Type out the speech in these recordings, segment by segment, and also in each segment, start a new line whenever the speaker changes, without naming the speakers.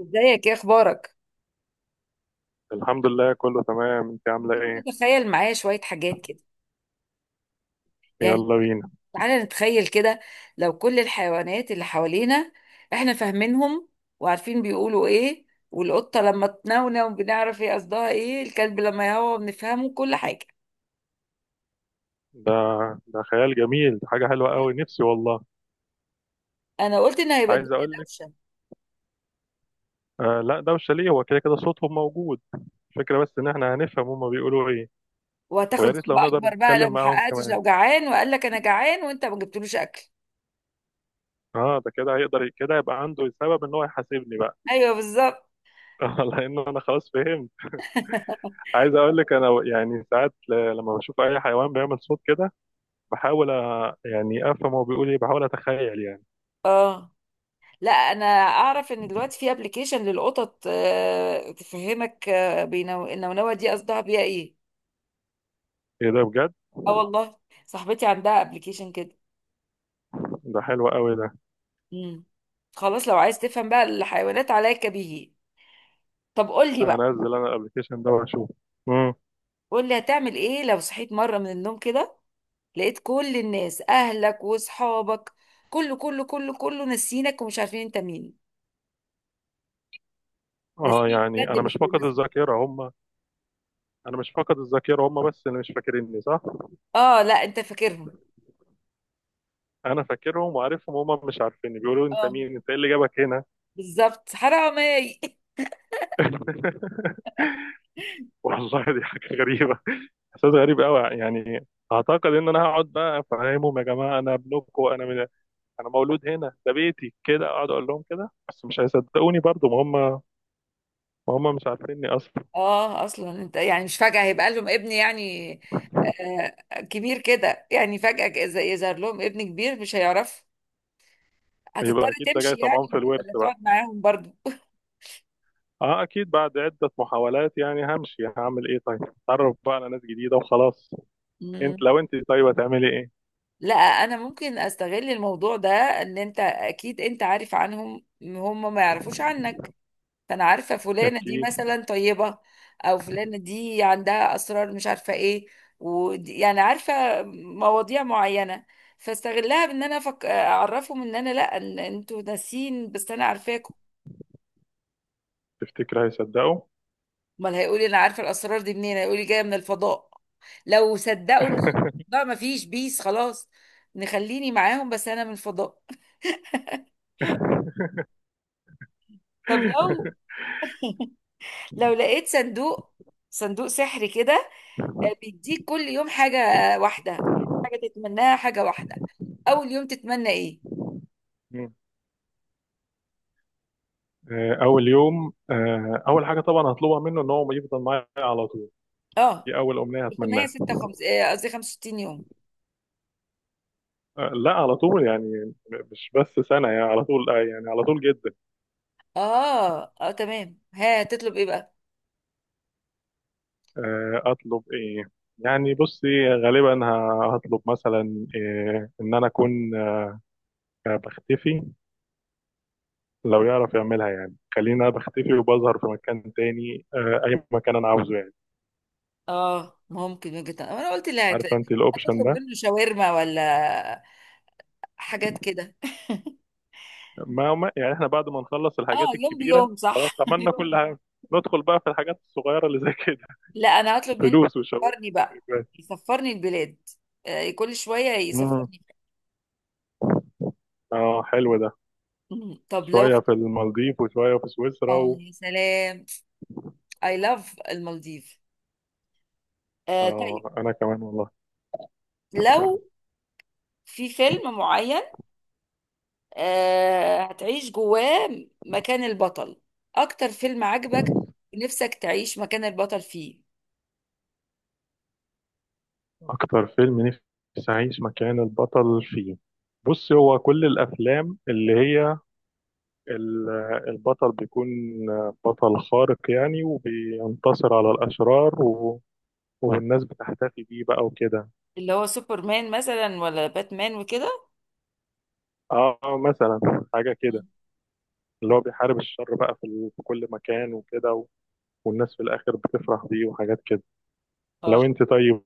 ازيك، ايه اخبارك؟
الحمد لله كله تمام، انت عامله ايه؟
بتيجي تتخيل معايا شوية حاجات كده يعني؟
يلا بينا.
تعالى نتخيل كده. لو كل الحيوانات اللي حوالينا احنا فاهمينهم وعارفين بيقولوا ايه، والقطة لما تنونو بنعرف هي قصدها ايه، الكلب لما يهوى بنفهمه كل حاجة.
ده ده خيال جميل، ده حاجه حلوه قوي، نفسي والله.
انا قلت ان هيبقى
عايز
الدنيا
اقول لك،
دوشة.
آه لا ده مش شاليه، هو كده كده صوتهم موجود. الفكره بس ان احنا هنفهم هما بيقولوا ايه.
وهتاخد
ويا ريت
ذنب
لو نقدر
اكبر بقى لو
نتكلم
ما
معاهم
حققتش،
كمان.
لو جعان وقال لك انا جعان وانت ما جبتلوش اكل.
اه ده كده هيقدر كده يبقى عنده سبب ان هو يحاسبني بقى.
ايوه، بالظبط.
لان انا خلاص فهمت. عايز اقول لك انا يعني ساعات لما بشوف اي حيوان بيعمل صوت كده، بحاول يعني افهم هو بيقول ايه، بحاول اتخيل يعني.
اه، لا انا اعرف ان دلوقتي في ابلكيشن للقطط تفهمك، النونوه دي قصدها بيها ايه.
ايه ده بجد؟
اه والله، صاحبتي عندها ابلكيشن كده.
ده حلو قوي ده.
امم. خلاص، لو عايز تفهم بقى الحيوانات عليك به. طب قول لي بقى،
هنزل انا الابلكيشن ده واشوف. امم
قول لي هتعمل ايه لو صحيت مره من النوم كده، لقيت كل الناس، اهلك واصحابك، كله كله كله كله ناسينك ومش عارفين انت مين.
اه
ناسين
يعني
بجد،
انا مش
مش
فاقد
بيمثلك.
الذاكره هم. انا مش فاقد الذاكره هم، بس اللي مش فاكريني صح.
اه، لا انت فاكرهم.
انا فاكرهم وعارفهم، هم مش عارفيني، بيقولوا انت
اه،
مين، انت ايه اللي جابك هنا.
بالظبط، حرامي.
والله دي حاجه غريبه، احساس غريب قوي يعني. اعتقد ان انا هقعد بقى افهمهم، يا جماعه انا ابنكم، انا من، انا مولود هنا، ده بيتي، كده اقعد اقول لهم كده، بس مش هيصدقوني برضو، ما هم مش عارفيني اصلا.
اه، اصلا انت يعني مش فجأة هيبقى لهم ابن يعني، آه كبير كده، يعني فجأة إذا يظهر لهم ابن كبير مش هيعرف. هتضطر
يبقى اكيد ده
تمشي
جاي
يعني
طمعان في الورث.
ولا تقعد معاهم برضو؟
اه اكيد بعد عدة محاولات يعني همشي، هعمل ايه طيب، اتعرف بقى على ناس جديدة وخلاص. انت
مم.
لو انت طيب هتعملي ايه؟
لا، انا ممكن استغل الموضوع ده، ان انت اكيد انت عارف عنهم، هم ما يعرفوش عنك، فانا عارفه فلانه دي
اكيد.
مثلا طيبه، او فلانه دي عندها اسرار مش عارفه ايه، ودي يعني عارفه مواضيع معينه، فاستغلها بان انا اعرفهم ان انا لا، إن انتوا ناسين بس انا عارفاكم.
تفتكر هيصدقوا؟
امال هيقولي انا عارفه الاسرار دي منين؟ هيقولي جايه من الفضاء. لو صدقوا ان انا بقى ما فيش بيس خلاص، نخليني معاهم بس انا من الفضاء. طب لو لقيت صندوق، صندوق سحري كده، بيديك كل يوم حاجة واحدة، حاجة تتمناها، حاجة واحدة، أول يوم تتمنى إيه؟
مم. آه، اول يوم آه، اول حاجة طبعا هطلبها منه ان هو يفضل معايا على طول.
آه،
دي اول امنية هتمناها.
356، قصدي 65 يوم.
آه، لا على طول يعني، مش بس سنة يعني، على طول آه، يعني على طول جدا.
آه تمام، ها تطلب إيه بقى؟
آه، اطلب ايه؟ يعني بصي غالبا هطلب مثلا آه، ان انا اكون آه، بختفي. لو يعرف يعملها يعني، خليني انا بختفي وبظهر في مكان تاني آه، اي مكان انا عاوزه يعني.
آه ممكن وجهة نظر. أنا قلت لا،
عارفه انت الاوبشن
هتطلب
ده.
منه شاورما ولا حاجات كده؟
يعني احنا بعد ما نخلص
آه،
الحاجات
يوم
الكبيره،
بيوم، صح.
خلاص عملنا كل حاجه، ندخل بقى في الحاجات الصغيره اللي زي كده.
لا، أنا هطلب منه
فلوس وشغل.
يسفرني بقى، يسفرني البلاد، آه كل شوية
امم
يسفرني.
اه حلو ده.
مم. طب لو
شويه في المالديف وشويه في سويسرا
آه
و...
يا سلام، I love المالديف. آه،
اه
طيب،
انا كمان والله.
لو في فيلم معين، آه هتعيش جواه مكان البطل، اكتر فيلم عجبك نفسك تعيش مكان البطل فيه؟
اكتر فيلم نفسي اعيش مكان البطل فيه، بص هو كل الافلام اللي هي ال- البطل بيكون بطل خارق يعني، وبينتصر على
مم.
الأشرار و... والناس بتحتفي بيه بقى وكده.
اللي هو سوبرمان مثلا ولا باتمان وكده؟
اه مثلا، حاجة كده.
مم.
اللي هو بيحارب الشر بقى في, ال... في كل مكان وكده و... والناس في الآخر بتفرح بيه وحاجات كده.
اه،
لو انت طيب.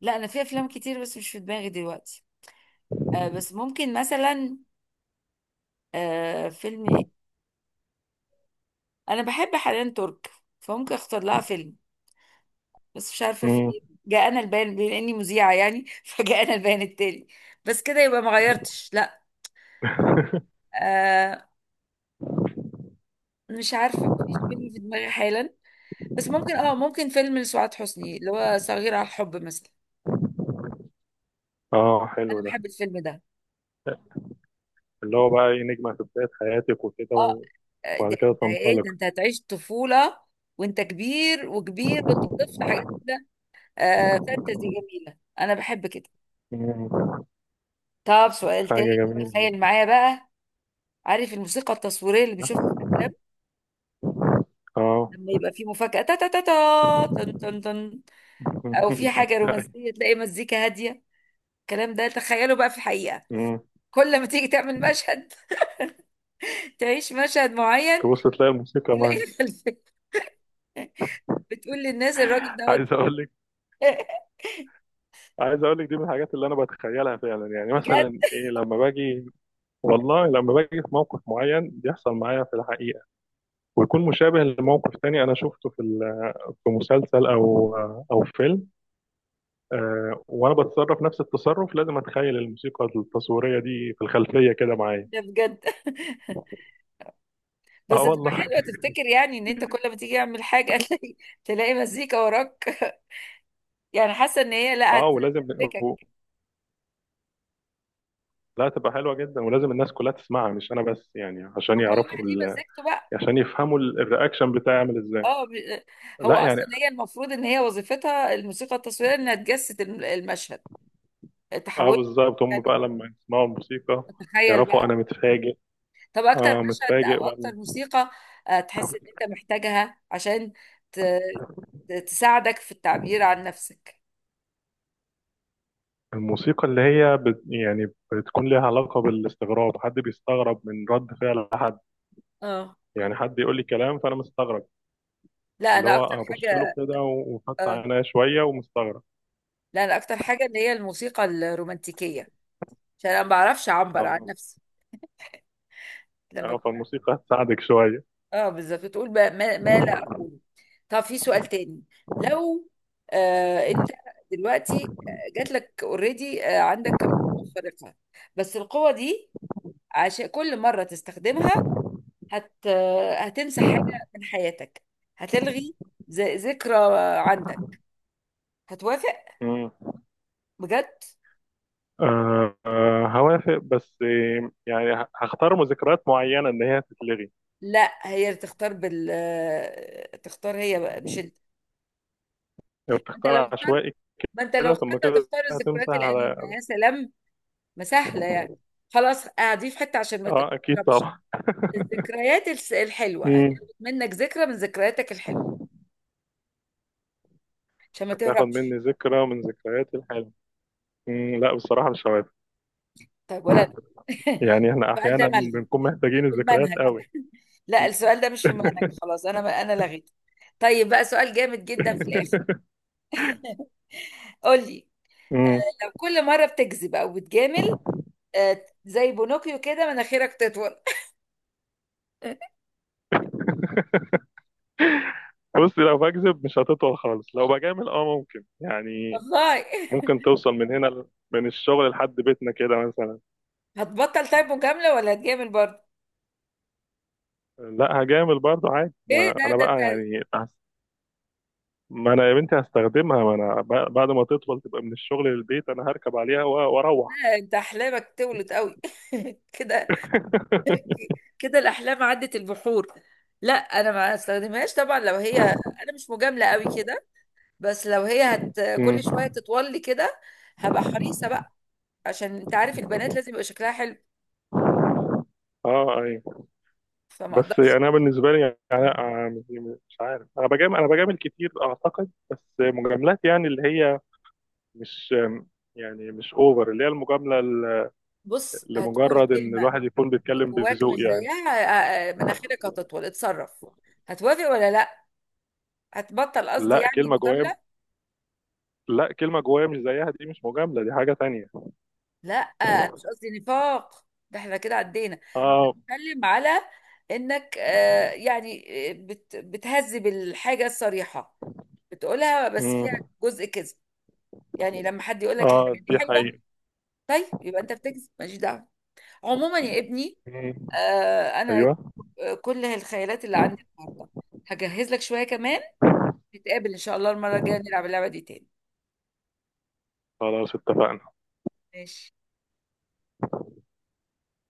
لا انا في افلام كتير بس مش في دماغي دلوقتي. آه بس ممكن مثلا، فيلم إيه؟ انا بحب حنان ترك، فممكن اختار لها فيلم، بس مش عارفه في
مم.
ايه. جاءنا البيان، بما اني مذيعه يعني، فجاءنا البيان التالي. بس كده يبقى ما غيرتش، لا. آه، مش عارفة، مفيش فيلم في دماغي حالا، بس ممكن، ممكن فيلم لسعاد حسني، اللي هو صغير على الحب مثلا.
اه حلو
انا
ده.
بحب الفيلم ده.
اللي هو بقى ايه، نجمة في بداية حياتك وكده،
اه،
وبعد
ده،
كده
ده ايه
تنطلق.
انت هتعيش طفولة وانت كبير، وكبير وانت طفل، حاجات كده. فانتزي جميلة، انا بحب كده.
مم.
طب، سؤال
حاجة
تاني،
جميلة.
تخيل معايا بقى. عارف الموسيقى التصويرية اللي بنشوفها في الافلام؟
اه.
لما يبقى في مفاجأة، تا تا تا تا تن تن تن، او في حاجة رومانسية تلاقي مزيكا هادية، الكلام ده تخيله بقى في الحقيقة.
مم.
كل ما تيجي تعمل مشهد، تعيش مشهد معين،
تبص تلاقي الموسيقى معاك.
تلاقي الخلفية بتقول للناس الراجل دوت.
عايز اقول لك، عايز اقول لك دي من الحاجات اللي انا بتخيلها فعلا، يعني
بجد؟
مثلا ايه لما باجي، والله لما باجي في موقف معين بيحصل معايا في الحقيقه، ويكون مشابه لموقف تاني انا شفته في في مسلسل او او فيلم، آه وانا بتصرف نفس التصرف، لازم اتخيل الموسيقى التصويريه دي في الخلفيه كده معايا.
ده بجد. بس
اه
تبقى
والله.
حلوة تفتكر يعني ان انت كل ما تيجي تعمل حاجة تلاقي مزيكا وراك. يعني حاسة ان هي لا
اه ولازم و-
هتفكك
لا تبقى حلوه جدا، ولازم الناس كلها تسمعها مش انا بس يعني، عشان
وكل
يعرفوا
واحد ليه
ال...
مزيكته بقى.
عشان يفهموا الرياكشن بتاعي عامل ازاي.
اه ب- هو
لا يعني.
اصلا هي المفروض ان هي وظيفتها الموسيقى التصويرية انها تجسد المشهد،
اه
تحول
بالظبط، هم
يعني،
بقى لما يسمعوا الموسيقى
تتخيل
يعرفوا
بقى.
انا متفاجئ.
طب اكتر
اه
مشهد
متفاجئ،
او اكتر موسيقى تحس ان انت محتاجها عشان ت... تساعدك في التعبير عن نفسك؟
الموسيقى اللي هي بت يعني بتكون ليها علاقة بالاستغراب، حد بيستغرب من رد فعل حد،
اه
يعني حد يقول لي كلام فانا مستغرب،
لا
اللي
انا
هو
اكتر
ابص له
حاجه
كده وفتح
آه،
عينيا شوية ومستغرب.
لا، انا اكتر حاجه اللي هي الموسيقى الرومانتيكيه، عشان انا ما بعرفش اعبر عن
اه.
نفسي لما
اه
اكون.
فالموسيقى هتساعدك شوية.
اه، بالظبط، تقول بقى ما لا اقوله. طب، في سؤال تاني، لو انت دلوقتي جات لك اوريدي عندك قوه خارقه، بس القوه دي عشان كل مره تستخدمها هت هتمسح حاجة من حياتك، هتلغي ذكرى عندك، هتوافق؟
مم.
بجد.
آه آه هوافق، بس آه، يعني هختار ذكريات معينة ان هي تتلغي.
لا، هي اللي تختار، تختار هي بقى مش انت.
لو
انت
تختار
لو اخترت
عشوائي،
ما انت لو
كده ثم
اخترت
كده
هتختار الذكريات
هتمسح على.
الأليمة يا سلام، ما سهلة يعني، خلاص اعديه في حتة عشان ما
اه اكيد
تهربش.
طبعا.
الذكريات الحلوة،
مم.
هتاخد منك ذكرى من ذكرياتك الحلوة عشان ما
هتاخد
تهربش.
مني ذكرى من ذكرياتي الحلوة. مم. لا بصراحة مش هوافق،
طيب ولا.
يعني احنا
السؤال ده
احيانا
ملغي،
بنكون
مش
محتاجين
في
الذكريات
المنهج،
قوي.
لا، السؤال ده مش في مهنك، خلاص، انا لغيته. طيب بقى، سؤال جامد جدا في الاخر، قول لي،
مم.
لو كل مره بتكذب او بتجامل، زي بونوكيو كده مناخيرك تطول.
بص لو بكذب مش هتطول خالص، لو بجامل اه ممكن يعني،
والله،
ممكن توصل من هنا من الشغل لحد بيتنا كده مثلا.
هتبطل طيب مجامله ولا هتجامل برضه؟
لا هجامل برضه عادي،
ايه
ما
ده
انا
ده
بقى
انت.
يعني ما انا يا بنتي هستخدمها، ما انا بعد ما تطول تبقى من الشغل للبيت انا هركب عليها واروح.
انت احلامك تولد قوي كده كده، الاحلام عدت البحور. لا، انا ما استخدمهاش طبعا، لو هي، انا مش مجامله قوي كده، بس لو هي
مم.
كل شويه تطول لي كده، هبقى حريصه بقى، عشان انت عارف البنات لازم يبقى شكلها حلو،
اه ايوه.
فما
بس يعني
اقدرش.
انا بالنسبه لي يعني يعني أنا آه، مش عارف، انا بجامل، انا بجامل كتير اعتقد، بس مجاملات يعني اللي هي مش، يعني مش اوفر، اللي هي المجامله
بص، هتقول
لمجرد ان
كلمة
الواحد يكون بيتكلم
جواك
بذوق
مش
يعني.
زيها، مناخيرك هتطول، اتصرف، هتوافق ولا لا؟ هتبطل قصدي
لا
يعني
كلمه جوايا،
مجاملة.
لا كلمه جوايا مش زيها، دي مش مجامله، دي حاجه تانية.
لا، انا مش قصدي نفاق، ده احنا كده عدينا،
اه.
اتكلم على انك بتهذب الحاجة الصريحة بتقولها بس فيها
امم.
جزء كذب، يعني لما حد يقول لك
اه
الحاجة دي
دي
حلوة،
حقيقة.
طيب يبقى انت بتكذب ماليش دعوة. عموما يا ابني،
امم.
انا
ايوه.
كل الخيالات اللي عندي النهارده هجهز لك شويه كمان، نتقابل ان شاء الله المره الجايه نلعب اللعبه دي تاني.
خلاص اتفقنا.
ماشي.